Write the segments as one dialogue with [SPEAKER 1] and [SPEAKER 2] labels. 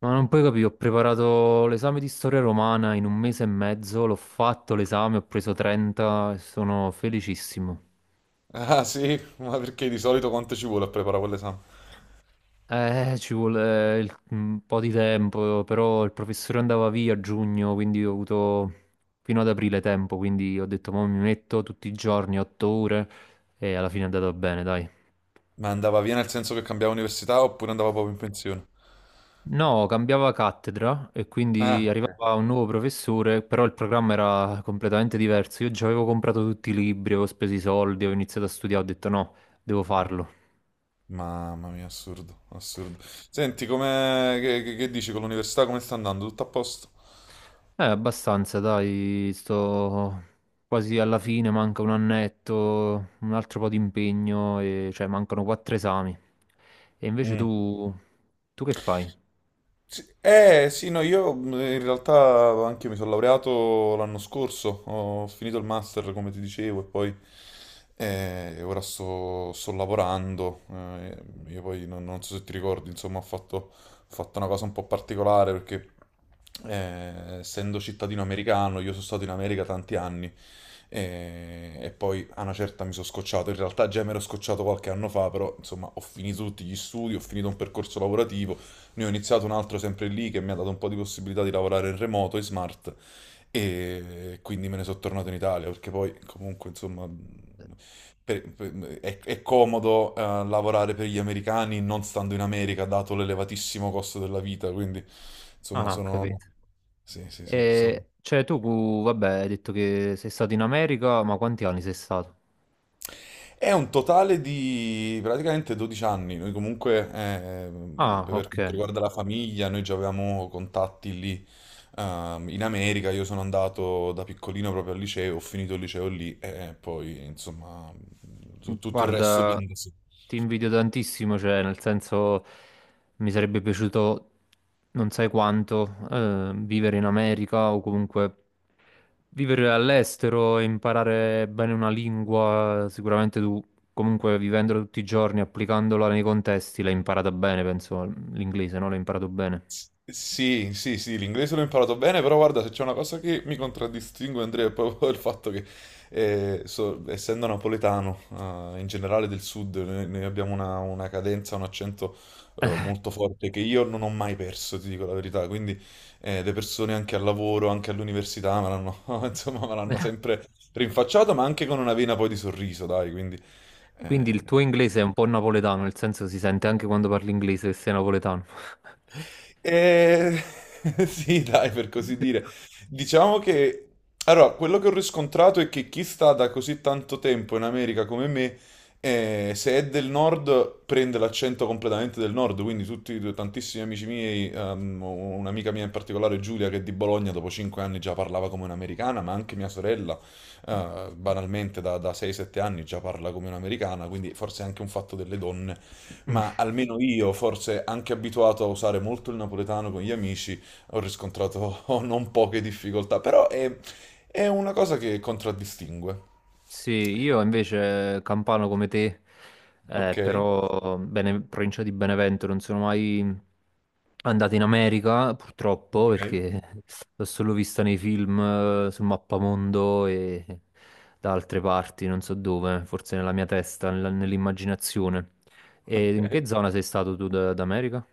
[SPEAKER 1] Ma non puoi capire, ho preparato l'esame di storia romana in un mese e mezzo, l'ho fatto l'esame, ho preso 30 e sono felicissimo.
[SPEAKER 2] Ah sì, ma perché di solito quanto ci vuole a preparare quell'esame?
[SPEAKER 1] Ci vuole un po' di tempo, però il professore andava via a giugno, quindi ho avuto fino ad aprile tempo, quindi ho detto, ma mi metto tutti i giorni, 8 ore, e alla fine è andato bene, dai.
[SPEAKER 2] Ma andava via nel senso che cambiava università oppure andava proprio in pensione?
[SPEAKER 1] No, cambiava cattedra e
[SPEAKER 2] Ah,
[SPEAKER 1] quindi arrivava un nuovo professore, però il programma era completamente diverso. Io già avevo comprato tutti i libri, avevo speso i soldi, avevo iniziato a studiare, ho detto no, devo
[SPEAKER 2] ma-
[SPEAKER 1] farlo.
[SPEAKER 2] mamma mia, assurdo, assurdo. Senti, come, che, che dici con l'università, come sta andando? Tutto a posto?
[SPEAKER 1] Abbastanza, dai, sto quasi alla fine, manca un annetto, un altro po' di impegno, e cioè mancano quattro esami. E invece
[SPEAKER 2] Mm.
[SPEAKER 1] tu, tu che fai?
[SPEAKER 2] Sì, eh sì, no, io in realtà anche io mi sono laureato l'anno scorso, ho finito il master come ti dicevo e poi ora sto lavorando, io poi non so se ti ricordi, insomma ho fatto una cosa un po' particolare perché essendo cittadino americano io sono stato in America tanti anni, e poi a una certa mi sono scocciato, in realtà già mi ero scocciato qualche anno fa, però insomma ho finito tutti gli studi, ho finito un percorso lavorativo. Ne ho iniziato un altro sempre lì che mi ha dato un po' di possibilità di lavorare in remoto, in smart, e quindi me ne sono tornato in Italia perché poi comunque insomma è comodo lavorare per gli americani non stando in America dato l'elevatissimo costo della vita, quindi insomma
[SPEAKER 1] Ah, ho
[SPEAKER 2] sono...
[SPEAKER 1] capito.
[SPEAKER 2] Sì, sì, sì, so.
[SPEAKER 1] E, cioè tu, vabbè, hai detto che sei stato in America, ma quanti anni sei stato?
[SPEAKER 2] È un totale di praticamente 12 anni. Noi comunque,
[SPEAKER 1] Ah,
[SPEAKER 2] per
[SPEAKER 1] ok.
[SPEAKER 2] quanto riguarda la famiglia, noi già avevamo contatti lì, in America. Io sono andato da piccolino proprio al liceo, ho finito il liceo lì e poi, insomma, tutto il resto
[SPEAKER 1] Guarda,
[SPEAKER 2] viene da sé.
[SPEAKER 1] ti invidio tantissimo, cioè, nel senso, mi sarebbe piaciuto non sai quanto vivere in America o comunque vivere all'estero e imparare bene una lingua. Sicuramente tu, comunque, vivendola tutti i giorni, applicandola nei contesti, l'hai imparata bene, penso, l'inglese, no? L'hai imparato bene.
[SPEAKER 2] Sì, sì, sì, l'inglese l'ho imparato bene, però guarda, se c'è una cosa che mi contraddistingue, Andrea, è proprio il fatto che, essendo napoletano, in generale del sud, noi abbiamo una cadenza, un accento, molto forte che io non ho mai perso, ti dico la verità. Quindi, le persone anche al lavoro, anche all'università, me l'hanno, insomma, me l'hanno sempre rinfacciato, ma anche con una vena poi di sorriso, dai, quindi... eh,
[SPEAKER 1] Quindi il tuo inglese è un po' napoletano, nel senso si sente anche quando parli inglese che sei napoletano.
[SPEAKER 2] Eh, sì, dai, per così dire. Diciamo che... Allora, quello che ho riscontrato è che chi sta da così tanto tempo in America come me, se è del nord, prende l'accento completamente del nord. Quindi tutti, tantissimi amici miei, un'amica mia in particolare, Giulia, che è di Bologna, dopo 5 anni già parlava come un'americana, ma anche mia sorella, banalmente da 6-7 anni già parla come un'americana, quindi forse è anche un fatto delle donne. Ma almeno io, forse anche abituato a usare molto il napoletano con gli amici, ho riscontrato non poche difficoltà, però è una cosa che contraddistingue.
[SPEAKER 1] Sì, io invece campano come te,
[SPEAKER 2] Ok,
[SPEAKER 1] però bene, provincia di Benevento, non sono mai andato in America, purtroppo,
[SPEAKER 2] ok,
[SPEAKER 1] perché l'ho solo vista nei film, sul mappamondo e da altre parti, non so dove, forse nella mia testa, nell'immaginazione. E in
[SPEAKER 2] ok.
[SPEAKER 1] che zona sei stato tu d'America?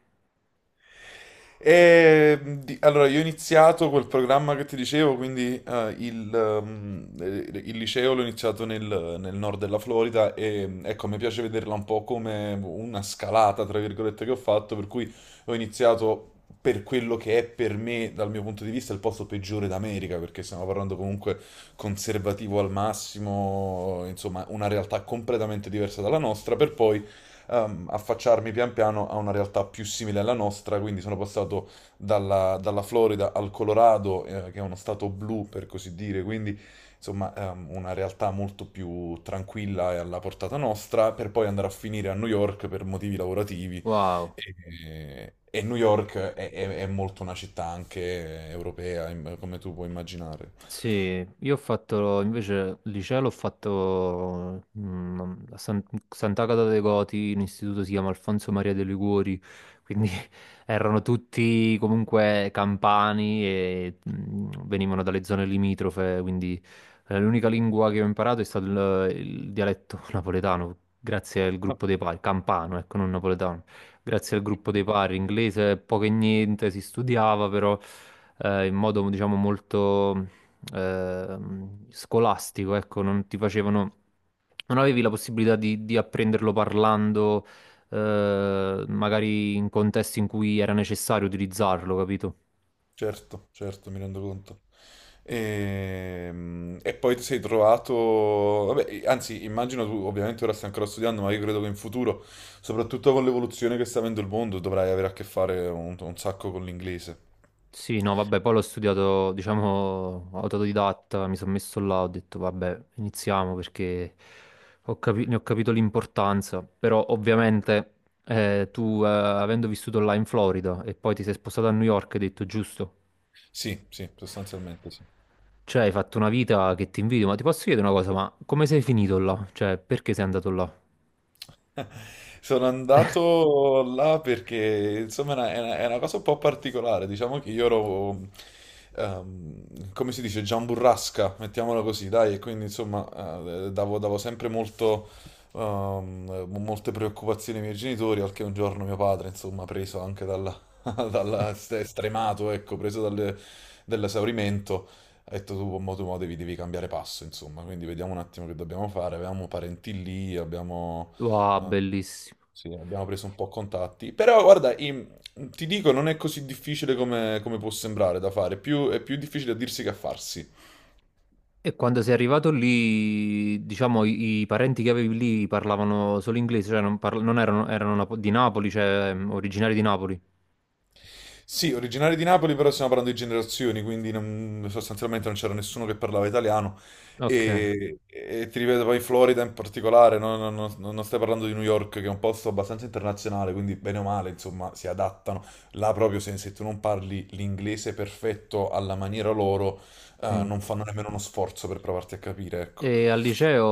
[SPEAKER 2] E, allora, io ho iniziato quel programma che ti dicevo, quindi il liceo l'ho iniziato nel nord della Florida e ecco, mi piace vederla un po' come una scalata, tra virgolette, che ho fatto, per cui ho iniziato per quello che è per me, dal mio punto di vista, il posto peggiore d'America, perché stiamo parlando comunque conservativo al massimo, insomma, una realtà completamente diversa dalla nostra, per poi affacciarmi pian piano a una realtà più simile alla nostra, quindi sono passato dalla Florida al Colorado, che è uno stato blu per così dire, quindi insomma una realtà molto più tranquilla e alla portata nostra, per poi andare a finire a New York per motivi lavorativi.
[SPEAKER 1] Wow.
[SPEAKER 2] E New York è molto una città anche europea, come tu puoi immaginare.
[SPEAKER 1] Sì, io ho fatto invece il liceo l'ho fatto a Sant'Agata dei Goti, un istituto si chiama Alfonso Maria de Liguori, quindi erano tutti comunque campani e venivano dalle zone limitrofe, quindi l'unica lingua che ho imparato è stato il dialetto napoletano, grazie al gruppo dei pari, campano, ecco, non napoletano, grazie al gruppo dei pari, inglese poco e niente si studiava però in modo diciamo molto scolastico, ecco, non ti facevano, non avevi la possibilità di apprenderlo parlando, magari in contesti in cui era necessario utilizzarlo, capito?
[SPEAKER 2] Certo, certo, mi rendo conto. E, poi ti sei trovato, vabbè, anzi, immagino tu, ovviamente ora stai ancora studiando, ma io credo che in futuro, soprattutto con l'evoluzione che sta avendo il mondo, dovrai avere a che fare un sacco con l'inglese.
[SPEAKER 1] Sì, no, vabbè, poi l'ho studiato, diciamo, autodidatta, mi sono messo là, ho detto, vabbè, iniziamo perché ne ho capito l'importanza, però ovviamente avendo vissuto là in Florida e poi ti sei spostato a New York, hai detto, giusto?
[SPEAKER 2] Sì, sì, sostanzialmente sì.
[SPEAKER 1] Cioè, hai fatto una vita che ti invidio, ma ti posso chiedere una cosa, ma come sei finito là? Cioè, perché sei andato là?
[SPEAKER 2] Sono andato là perché insomma è una, è una cosa un po' particolare, diciamo che io ero, come si dice, giamburrasca, mettiamola così, dai, e quindi insomma davo sempre molto, molte preoccupazioni ai miei genitori, al che un giorno mio padre, insomma, preso anche dalla, stremato, ecco, dall'esaurimento, ha detto tu, mo, devi cambiare passo, insomma, quindi vediamo un attimo che dobbiamo fare, avevamo parenti lì, abbiamo...
[SPEAKER 1] Wow,
[SPEAKER 2] Ah,
[SPEAKER 1] bellissimo.
[SPEAKER 2] sì, abbiamo preso un po' contatti. Però guarda, ti dico, non è così difficile come, come può sembrare da fare. È più difficile a dirsi che a farsi.
[SPEAKER 1] E quando sei arrivato lì, diciamo, i parenti che avevi lì parlavano solo inglese, cioè non, non erano, di Napoli, cioè originari di Napoli.
[SPEAKER 2] Sì, originari di Napoli, però stiamo parlando di generazioni, quindi sostanzialmente non c'era nessuno che parlava italiano.
[SPEAKER 1] Ok.
[SPEAKER 2] E ti ripeto, poi in Florida in particolare, non stai parlando di New York, che è un posto abbastanza internazionale, quindi bene o male, insomma, si adattano. Là proprio se tu non parli l'inglese perfetto alla maniera loro,
[SPEAKER 1] Mm.
[SPEAKER 2] non fanno nemmeno uno sforzo per provarti a capire, ecco.
[SPEAKER 1] E al liceo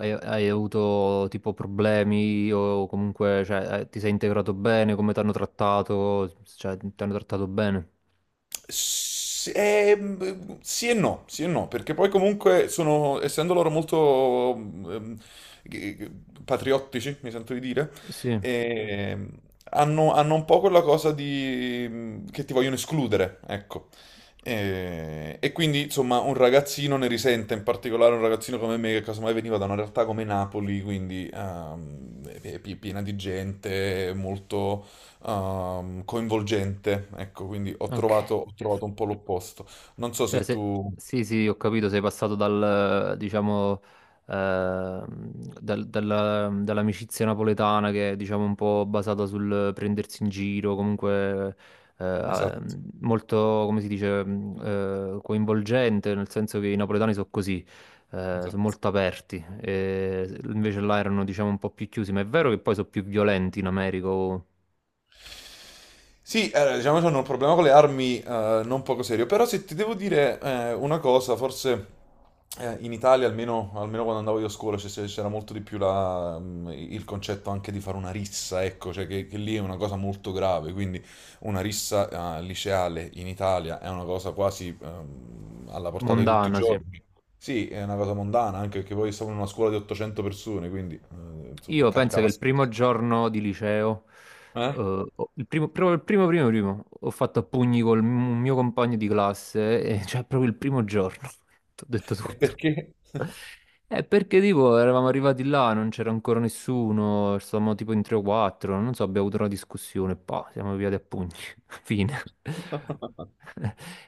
[SPEAKER 1] hai avuto tipo problemi o comunque, cioè, ti sei integrato bene, come ti hanno trattato, cioè, ti hanno trattato bene?
[SPEAKER 2] Sì sì e no, perché poi comunque sono, essendo loro molto g- g- patriottici, mi sento di dire,
[SPEAKER 1] Sì,
[SPEAKER 2] ehm, hanno, hanno un po' quella cosa di che ti vogliono escludere, ecco. E, quindi, insomma, un ragazzino ne risente, in particolare un ragazzino come me, che casomai veniva da una realtà come Napoli, quindi è piena di gente, molto coinvolgente, ecco, quindi
[SPEAKER 1] ok.
[SPEAKER 2] ho trovato un po' l'opposto. Non so
[SPEAKER 1] Cioè,
[SPEAKER 2] se
[SPEAKER 1] se
[SPEAKER 2] tu...
[SPEAKER 1] sì, sì, ho capito, sei passato dal, diciamo, ehm, dall'amicizia napoletana che è, diciamo, un po' basata sul prendersi in giro, comunque eh,
[SPEAKER 2] Esatto,
[SPEAKER 1] molto, come si dice, coinvolgente, nel senso che i napoletani sono così, sono
[SPEAKER 2] esatto.
[SPEAKER 1] molto aperti, e invece là erano, diciamo, un po' più chiusi, ma è vero che poi sono più violenti in America, o
[SPEAKER 2] Sì, diciamo che hanno un problema con le armi, non poco serio, però se ti devo dire una cosa, forse in Italia, almeno, almeno quando andavo io a scuola, c'era molto di più il concetto anche di fare una rissa, ecco, cioè che lì è una cosa molto grave, quindi una rissa liceale in Italia è una cosa quasi alla portata di tutti i
[SPEAKER 1] mondana, sì.
[SPEAKER 2] giorni. Sì, è una cosa mondana, anche perché poi stavo in una scuola di 800 persone, quindi insomma
[SPEAKER 1] Io penso che
[SPEAKER 2] capitava
[SPEAKER 1] il primo
[SPEAKER 2] spesso.
[SPEAKER 1] giorno di liceo,
[SPEAKER 2] Eh?
[SPEAKER 1] il primo, proprio il primo, ho fatto a pugni col mio compagno di classe, e, cioè proprio il primo giorno, ti ho detto
[SPEAKER 2] E
[SPEAKER 1] tutto.
[SPEAKER 2] perché?
[SPEAKER 1] Perché tipo eravamo arrivati là, non c'era ancora nessuno, stavamo tipo in 3 o 4, non so, abbiamo avuto una discussione, pa, siamo via a pugni, fine.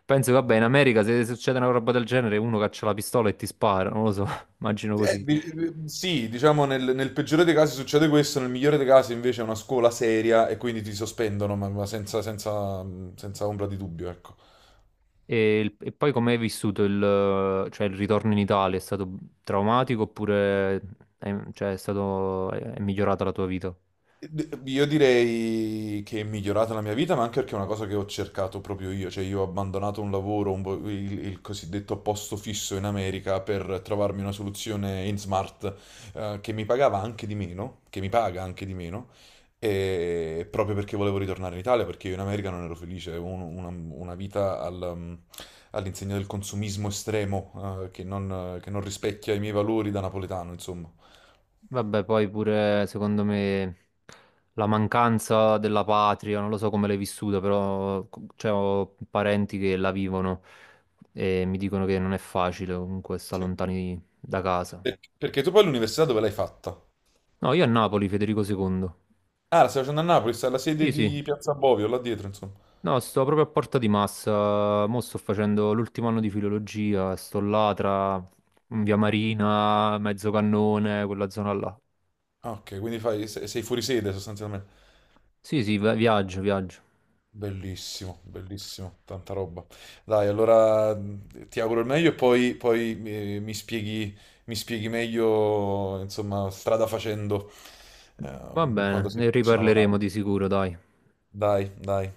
[SPEAKER 1] Penso, vabbè, in America se succede una roba del genere uno caccia la pistola e ti spara, non lo so, immagino così.
[SPEAKER 2] Sì, diciamo nel peggiore dei casi succede questo, nel migliore dei casi invece è una scuola seria e quindi ti sospendono, ma senza, senza ombra di dubbio, ecco.
[SPEAKER 1] E, e poi come hai vissuto il, cioè, il ritorno in Italia? È stato traumatico oppure è, cioè, è stato, è migliorata la tua vita?
[SPEAKER 2] Io direi che è migliorata la mia vita, ma anche perché è una cosa che ho cercato proprio io, cioè io ho abbandonato un lavoro, un po' il cosiddetto posto fisso in America per trovarmi una soluzione in smart, che mi pagava anche di meno, che mi paga anche di meno, e proprio perché volevo ritornare in Italia, perché io in America non ero felice, avevo una vita all'insegna del consumismo estremo, che non rispecchia i miei valori da napoletano, insomma.
[SPEAKER 1] Vabbè, poi pure secondo me la mancanza della patria, non lo so come l'hai vissuta, però cioè, ho parenti che la vivono e mi dicono che non è facile comunque stare
[SPEAKER 2] Sì.
[SPEAKER 1] lontani da casa.
[SPEAKER 2] Perché tu poi l'università dove l'hai fatta?
[SPEAKER 1] No, io a Napoli, Federico II.
[SPEAKER 2] Ah, la stai facendo a Napoli, sta alla sede
[SPEAKER 1] Sì, sì.
[SPEAKER 2] di Piazza Bovio, là dietro, insomma.
[SPEAKER 1] No, sto proprio a Porta di Massa. Mo' sto facendo l'ultimo anno di filologia. Sto là tra Via Marina, Mezzocannone, quella zona là.
[SPEAKER 2] Ah, ok, quindi fai, sei fuori sede sostanzialmente.
[SPEAKER 1] Sì, sì, viaggio, viaggio.
[SPEAKER 2] Bellissimo, bellissimo, tanta roba. Dai, allora ti auguro il meglio e poi, poi, eh, mi spieghi, mi spieghi meglio, insomma, strada facendo, eh,
[SPEAKER 1] Va
[SPEAKER 2] quando
[SPEAKER 1] bene,
[SPEAKER 2] sei
[SPEAKER 1] ne
[SPEAKER 2] vicino alla
[SPEAKER 1] riparleremo
[SPEAKER 2] laurea.
[SPEAKER 1] di sicuro, dai.
[SPEAKER 2] Dai, dai.